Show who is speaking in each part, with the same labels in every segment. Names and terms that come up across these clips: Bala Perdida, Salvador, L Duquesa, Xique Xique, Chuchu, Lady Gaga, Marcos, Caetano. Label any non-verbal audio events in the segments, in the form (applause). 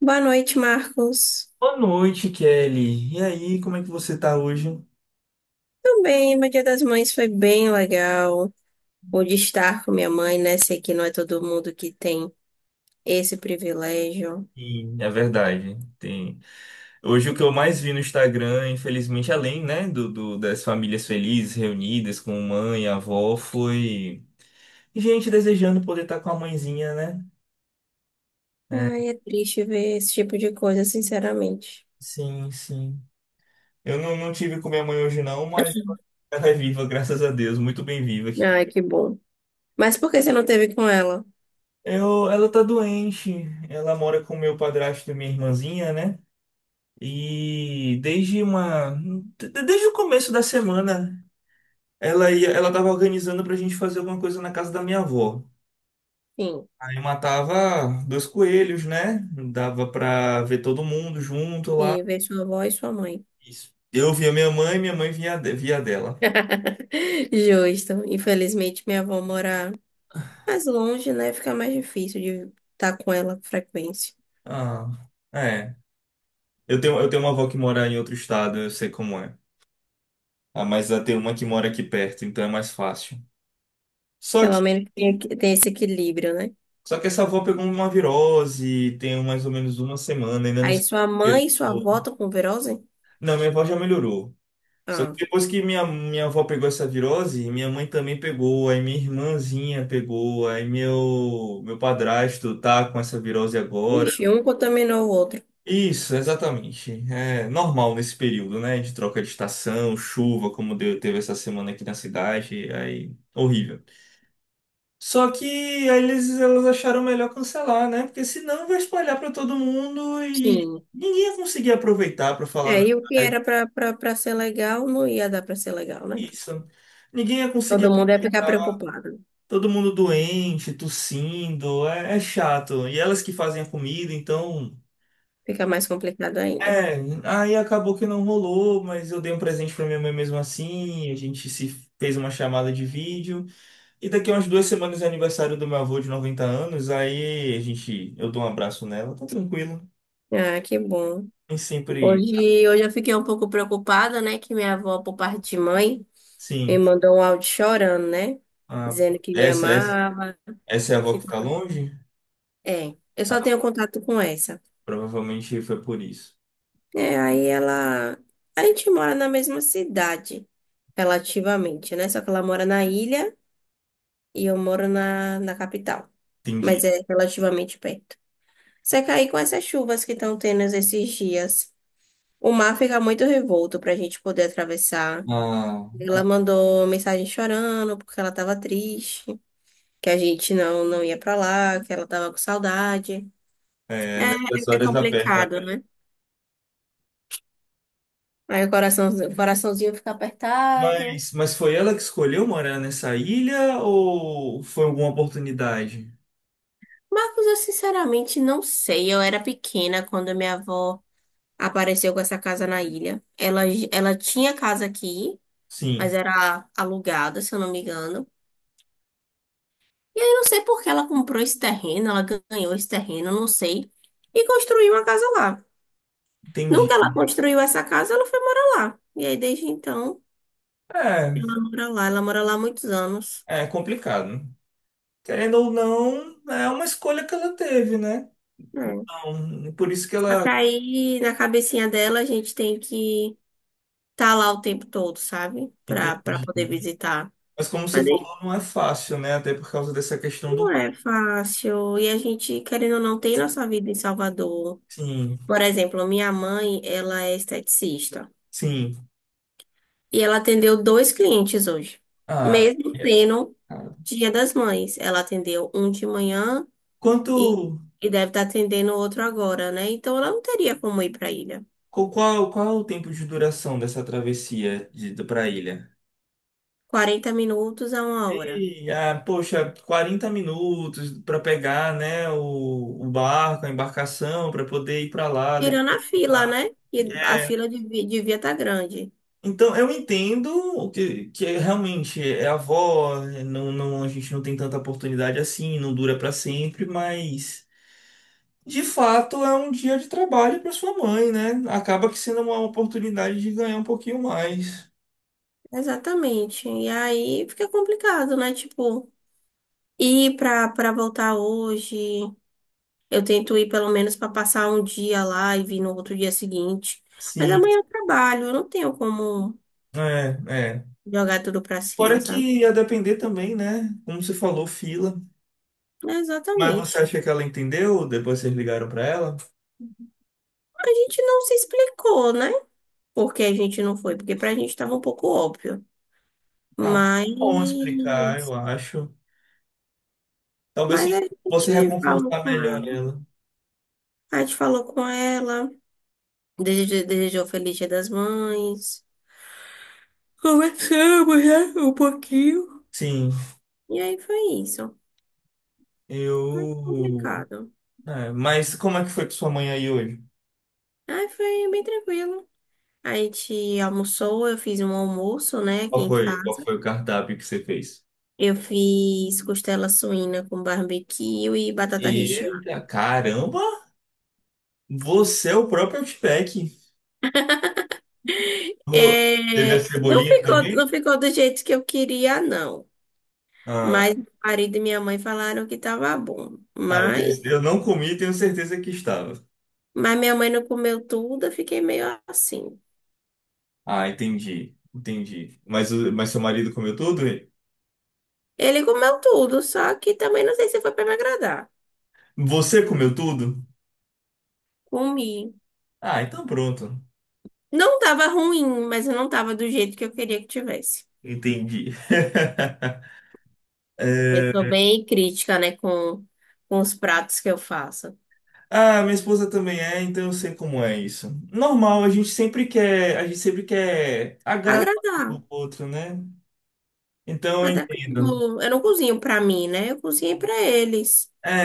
Speaker 1: Boa noite, Marcos.
Speaker 2: Boa noite, Kelly. E aí, como é que você tá hoje?
Speaker 1: Também, meu Dia das Mães foi bem legal. Pude estar com minha mãe, né? Sei que não é todo mundo que tem esse privilégio.
Speaker 2: E é verdade, tem. Hoje o que eu mais vi no Instagram, infelizmente, além, né, das famílias felizes reunidas com mãe, e avó, foi gente desejando poder estar com a mãezinha, né?
Speaker 1: Ai, é triste ver esse tipo de coisa, sinceramente.
Speaker 2: Sim, sim. Eu não tive com minha mãe hoje não, mas ela é viva, graças a Deus, muito bem viva aqui.
Speaker 1: Ai, que bom. Mas por que você não teve com ela?
Speaker 2: Ela tá doente. Ela mora com meu padrasto e minha irmãzinha, né? E desde o começo da semana, ela tava organizando pra gente fazer alguma coisa na casa da minha avó.
Speaker 1: Sim,
Speaker 2: Aí matava dois coelhos, né? Dava pra ver todo mundo junto lá.
Speaker 1: sim, ver sua avó e sua mãe.
Speaker 2: Isso. Eu via minha mãe via dela.
Speaker 1: (laughs) Justo. Infelizmente, minha avó mora mais longe, né? Fica mais difícil de estar com ela com frequência.
Speaker 2: Ah, é. Eu tenho uma avó que mora em outro estado, eu sei como é. Ah, mas eu tenho uma que mora aqui perto, então é mais fácil. Só que
Speaker 1: Pelo menos tem esse equilíbrio, né?
Speaker 2: só que essa avó pegou uma virose, tem mais ou menos uma semana, ainda não
Speaker 1: Aí
Speaker 2: sei
Speaker 1: sua mãe e sua
Speaker 2: o que.
Speaker 1: avó estão com virose?
Speaker 2: Não, minha avó já melhorou. Só que
Speaker 1: Ah,
Speaker 2: depois que minha avó pegou essa virose, minha mãe também pegou, aí minha irmãzinha pegou, aí meu padrasto tá com essa virose agora.
Speaker 1: ixi, um contaminou o outro.
Speaker 2: Isso, exatamente. É normal nesse período, né? De troca de estação, chuva, como deu, teve essa semana aqui na cidade, aí horrível. Só que aí elas acharam melhor cancelar, né? Porque senão vai espalhar para todo mundo e
Speaker 1: Sim.
Speaker 2: ninguém ia conseguir aproveitar, para falar a
Speaker 1: É, e o que
Speaker 2: verdade.
Speaker 1: era pra ser legal não ia dar pra ser legal, né?
Speaker 2: Isso. Ninguém ia conseguir
Speaker 1: Todo mundo ia ficar
Speaker 2: aproveitar.
Speaker 1: preocupado.
Speaker 2: Todo mundo doente, tossindo, é chato. E elas que fazem a comida, então.
Speaker 1: Fica mais complicado ainda.
Speaker 2: É, aí acabou que não rolou, mas eu dei um presente pra minha mãe mesmo assim. A gente se fez uma chamada de vídeo. E daqui a umas 2 semanas é aniversário do meu avô de 90 anos. Aí eu dou um abraço nela, tá tranquilo.
Speaker 1: Ah, que bom.
Speaker 2: Nem sempre.
Speaker 1: Hoje eu fiquei um pouco preocupada, né? Que minha avó, por parte de mãe, me
Speaker 2: Sim.
Speaker 1: mandou um áudio chorando, né?
Speaker 2: Ah, pô,
Speaker 1: Dizendo que me
Speaker 2: essa, essa,
Speaker 1: amava.
Speaker 2: essa é a avó
Speaker 1: Que...
Speaker 2: que tá longe?
Speaker 1: É, eu só
Speaker 2: Ah,
Speaker 1: tenho contato com essa.
Speaker 2: provavelmente foi por isso.
Speaker 1: É, aí ela. A gente mora na mesma cidade, relativamente, né? Só que ela mora na ilha e eu moro na capital. Mas
Speaker 2: Entendi.
Speaker 1: é relativamente perto. Só que aí com essas chuvas que estão tendo esses dias, o mar fica muito revolto pra gente poder atravessar.
Speaker 2: Ah,
Speaker 1: Ela mandou mensagem chorando porque ela tava triste, que a gente não, não ia pra lá, que ela tava com saudade.
Speaker 2: é, nessas
Speaker 1: É, é
Speaker 2: horas aperta.
Speaker 1: complicado, né? Aí o coração, o coraçãozinho fica apertado.
Speaker 2: Mas foi ela que escolheu morar nessa ilha ou foi alguma oportunidade?
Speaker 1: Marcos, eu sinceramente não sei. Eu era pequena quando minha avó apareceu com essa casa na ilha. Ela tinha casa aqui, mas
Speaker 2: Sim,
Speaker 1: era alugada, se eu não me engano. E aí eu não sei por que ela comprou esse terreno, ela ganhou esse terreno, eu não sei, e construiu uma casa lá. No
Speaker 2: entendi.
Speaker 1: que ela construiu essa casa, ela foi morar lá. E aí desde então,
Speaker 2: É,
Speaker 1: ela mora lá há muitos anos.
Speaker 2: é complicado, né? Querendo ou não, é uma escolha que ela teve, né?
Speaker 1: É.
Speaker 2: Então, por isso que
Speaker 1: Só que
Speaker 2: ela.
Speaker 1: aí na cabecinha dela a gente tem que estar lá o tempo todo, sabe? Pra
Speaker 2: Entendi.
Speaker 1: poder visitar.
Speaker 2: Mas como você
Speaker 1: Mas
Speaker 2: falou,
Speaker 1: aí
Speaker 2: não é fácil, né? Até por causa dessa questão do
Speaker 1: não
Speaker 2: mar.
Speaker 1: é fácil. E a gente, querendo ou não, tem nossa vida em Salvador.
Speaker 2: Sim,
Speaker 1: Por exemplo, minha mãe, ela é esteticista.
Speaker 2: sim.
Speaker 1: E ela atendeu dois clientes hoje.
Speaker 2: Ah,
Speaker 1: Mesmo
Speaker 2: é.
Speaker 1: sendo Dia das Mães. Ela atendeu um de manhã
Speaker 2: Quanto.
Speaker 1: e, e deve estar atendendo outro agora, né? Então ela não teria como ir para a ilha.
Speaker 2: Qual é o tempo de duração dessa travessia para a ilha?
Speaker 1: 40 minutos a uma hora.
Speaker 2: Poxa, 40 minutos para pegar, né, o barco, a embarcação, para poder ir para lá, depois
Speaker 1: Tirando a
Speaker 2: ir pra
Speaker 1: fila,
Speaker 2: lá.
Speaker 1: né? E a
Speaker 2: É,
Speaker 1: fila devia estar grande.
Speaker 2: então, eu entendo o que, que é realmente é avó, né, não, a gente não tem tanta oportunidade assim, não dura para sempre, mas de fato é um dia de trabalho para sua mãe, né? Acaba que sendo uma oportunidade de ganhar um pouquinho mais.
Speaker 1: Exatamente. E aí fica complicado, né? Tipo. E para voltar hoje, eu tento ir pelo menos para passar um dia lá e vir no outro dia seguinte. Mas
Speaker 2: Sim,
Speaker 1: amanhã eu trabalho, eu não tenho como
Speaker 2: é, é.
Speaker 1: jogar tudo para
Speaker 2: Fora
Speaker 1: cima,
Speaker 2: que
Speaker 1: sabe?
Speaker 2: ia depender também, né? Como você falou, fila.
Speaker 1: É,
Speaker 2: Mas você
Speaker 1: exatamente.
Speaker 2: acha que ela entendeu? Depois vocês ligaram pra ela?
Speaker 1: A gente não se explicou, né? Porque a gente não foi, porque pra gente tava um pouco óbvio.
Speaker 2: Ah, mas é
Speaker 1: Mas,
Speaker 2: bom explicar, eu acho. Talvez
Speaker 1: mas a
Speaker 2: você
Speaker 1: gente falou
Speaker 2: reconfortar
Speaker 1: com
Speaker 2: melhor
Speaker 1: ela.
Speaker 2: ela.
Speaker 1: A gente falou com ela, desejou, desejou Feliz Dia das Mães. Conversamos, né? Um pouquinho.
Speaker 2: Sim,
Speaker 1: E aí foi isso.
Speaker 2: eu.
Speaker 1: Complicado.
Speaker 2: É, mas como é que foi com sua mãe aí hoje?
Speaker 1: Aí foi bem tranquilo. A gente almoçou, eu fiz um almoço, né, aqui
Speaker 2: Qual
Speaker 1: em
Speaker 2: foi, qual
Speaker 1: casa.
Speaker 2: foi o cardápio que você fez?
Speaker 1: Eu fiz costela suína com barbecue e batata recheada.
Speaker 2: Eita, caramba! Você é o próprio Outback. Ô.
Speaker 1: É,
Speaker 2: Teve a
Speaker 1: não
Speaker 2: cebolinha
Speaker 1: ficou, não
Speaker 2: também?
Speaker 1: ficou do jeito que eu queria, não. Mas
Speaker 2: Ah,
Speaker 1: meu marido e minha mãe falaram que tava bom.
Speaker 2: ah,
Speaker 1: Mas,
Speaker 2: eu não comi, tenho certeza que estava.
Speaker 1: mas minha mãe não comeu tudo, eu fiquei meio assim.
Speaker 2: Ah, entendi, entendi. Mas, mas seu marido comeu tudo?
Speaker 1: Ele comeu tudo, só que também não sei se foi para me agradar.
Speaker 2: Você comeu tudo?
Speaker 1: Comi.
Speaker 2: Ah, então pronto.
Speaker 1: Não tava ruim, mas eu não tava do jeito que eu queria que tivesse.
Speaker 2: Entendi. (laughs)
Speaker 1: Eu
Speaker 2: É.
Speaker 1: sou bem crítica, né, com, os pratos que eu faço.
Speaker 2: Ah, minha esposa também é, então eu sei como é isso. Normal, a gente sempre quer agradar
Speaker 1: Agradar.
Speaker 2: o outro, né? Então eu
Speaker 1: Até porque, tipo,
Speaker 2: entendo.
Speaker 1: eu não cozinho pra mim, né? Eu cozinho pra eles.
Speaker 2: É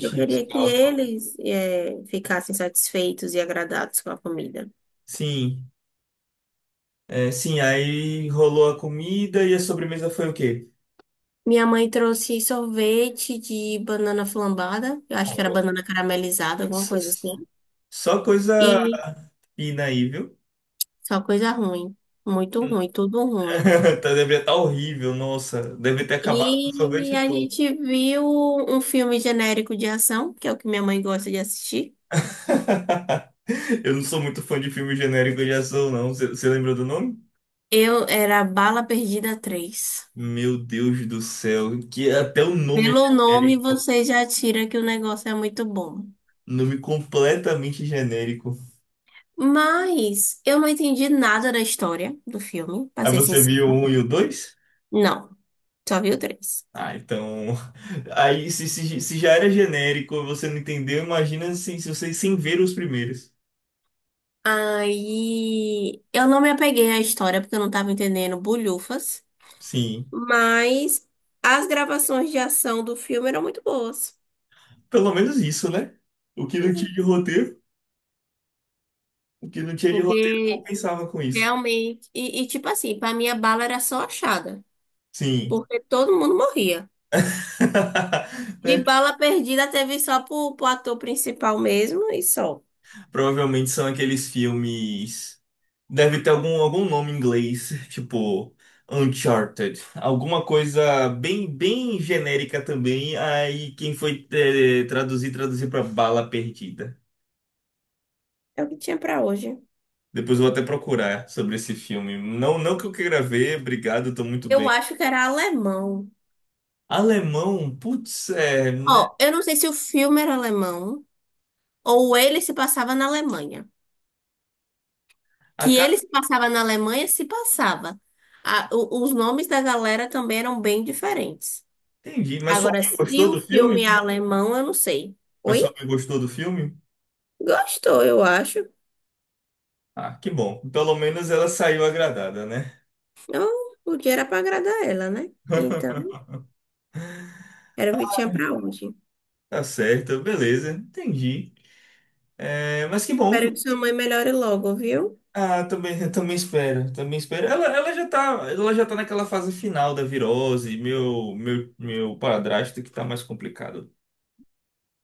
Speaker 1: Eu
Speaker 2: isso
Speaker 1: queria
Speaker 2: que
Speaker 1: que
Speaker 2: ela fala.
Speaker 1: eles ficassem satisfeitos e agradados com a comida.
Speaker 2: Sim, é, sim, aí rolou a comida e a sobremesa foi o quê?
Speaker 1: Minha mãe trouxe sorvete de banana flambada. Eu acho que era
Speaker 2: Ó,
Speaker 1: banana caramelizada, alguma
Speaker 2: s-
Speaker 1: coisa
Speaker 2: s-
Speaker 1: assim.
Speaker 2: só coisa
Speaker 1: E
Speaker 2: fina aí, viu?
Speaker 1: só coisa ruim. Muito ruim, tudo ruim.
Speaker 2: (laughs) Tá, deve estar horrível, nossa. Deve ter acabado com o
Speaker 1: E
Speaker 2: sorvete
Speaker 1: a
Speaker 2: todo.
Speaker 1: gente viu um filme genérico de ação, que é o que minha mãe gosta de assistir.
Speaker 2: (laughs) Eu não sou muito fã de filme genérico de ação, não. Você lembrou do nome?
Speaker 1: Eu era Bala Perdida 3.
Speaker 2: Meu Deus do céu, que até o nome é
Speaker 1: Pelo nome,
Speaker 2: genérico.
Speaker 1: você já tira que o negócio é muito bom.
Speaker 2: Nome completamente genérico.
Speaker 1: Mas eu não entendi nada da história do filme, pra
Speaker 2: Aí
Speaker 1: ser
Speaker 2: você
Speaker 1: sincero.
Speaker 2: viu o um e o dois?
Speaker 1: Não, só vi o 3.
Speaker 2: Ah, então. (laughs) Aí se já era genérico, você não entendeu, imagina assim, se você sem ver os primeiros.
Speaker 1: Aí eu não me apeguei à história porque eu não tava entendendo bulhufas.
Speaker 2: Sim.
Speaker 1: Mas as gravações de ação do filme eram muito boas.
Speaker 2: Pelo menos isso, né? O que não
Speaker 1: Né?
Speaker 2: tinha de roteiro, o que não tinha de roteiro
Speaker 1: Porque
Speaker 2: compensava com isso.
Speaker 1: realmente. Tipo assim, pra mim a bala era só achada.
Speaker 2: Sim.
Speaker 1: Porque todo mundo morria.
Speaker 2: (laughs)
Speaker 1: De
Speaker 2: É.
Speaker 1: bala perdida teve só pro, pro ator principal mesmo e só.
Speaker 2: Provavelmente são aqueles filmes. Deve ter algum nome em inglês, (laughs) tipo Uncharted. Alguma coisa bem, bem genérica também. Aí quem foi traduzir pra Bala Perdida.
Speaker 1: É o que tinha pra hoje.
Speaker 2: Depois eu vou até procurar sobre esse filme. Não, não que eu queira ver, obrigado, tô muito
Speaker 1: Eu
Speaker 2: bem.
Speaker 1: acho que era alemão.
Speaker 2: Alemão, putz, é, né?
Speaker 1: Ó, eu não sei se o filme era alemão ou ele se passava na Alemanha.
Speaker 2: A
Speaker 1: Que ele
Speaker 2: cara,
Speaker 1: se passava na Alemanha, se passava. Os nomes da galera também eram bem diferentes.
Speaker 2: entendi. Mas sua
Speaker 1: Agora,
Speaker 2: mãe
Speaker 1: se
Speaker 2: gostou
Speaker 1: o
Speaker 2: do
Speaker 1: filme
Speaker 2: filme?
Speaker 1: é alemão, eu não sei.
Speaker 2: Mas
Speaker 1: Oi?
Speaker 2: sua mãe gostou do filme?
Speaker 1: Gostou, eu acho.
Speaker 2: Ah, que bom. Pelo menos ela saiu agradada, né?
Speaker 1: Não, o dia era pra agradar ela, né? Então,
Speaker 2: (laughs)
Speaker 1: era o que tinha pra hoje.
Speaker 2: Tá certo, beleza, entendi. É, mas que bom que.
Speaker 1: Espero que sua mãe melhore logo, viu?
Speaker 2: Ah, também, eu também espero, também espero. Ela já tá naquela fase final da virose, meu padrasto que tá mais complicado.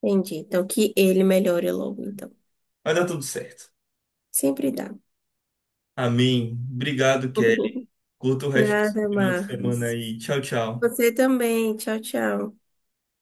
Speaker 1: Entendi. Então, que ele melhore logo, então.
Speaker 2: Vai dar tudo certo.
Speaker 1: Sempre dá.
Speaker 2: Amém. Obrigado, Kelly.
Speaker 1: (laughs)
Speaker 2: Curta o resto do seu
Speaker 1: Nada,
Speaker 2: final de semana
Speaker 1: Marcos.
Speaker 2: aí. Tchau, tchau.
Speaker 1: Você também. Tchau, tchau.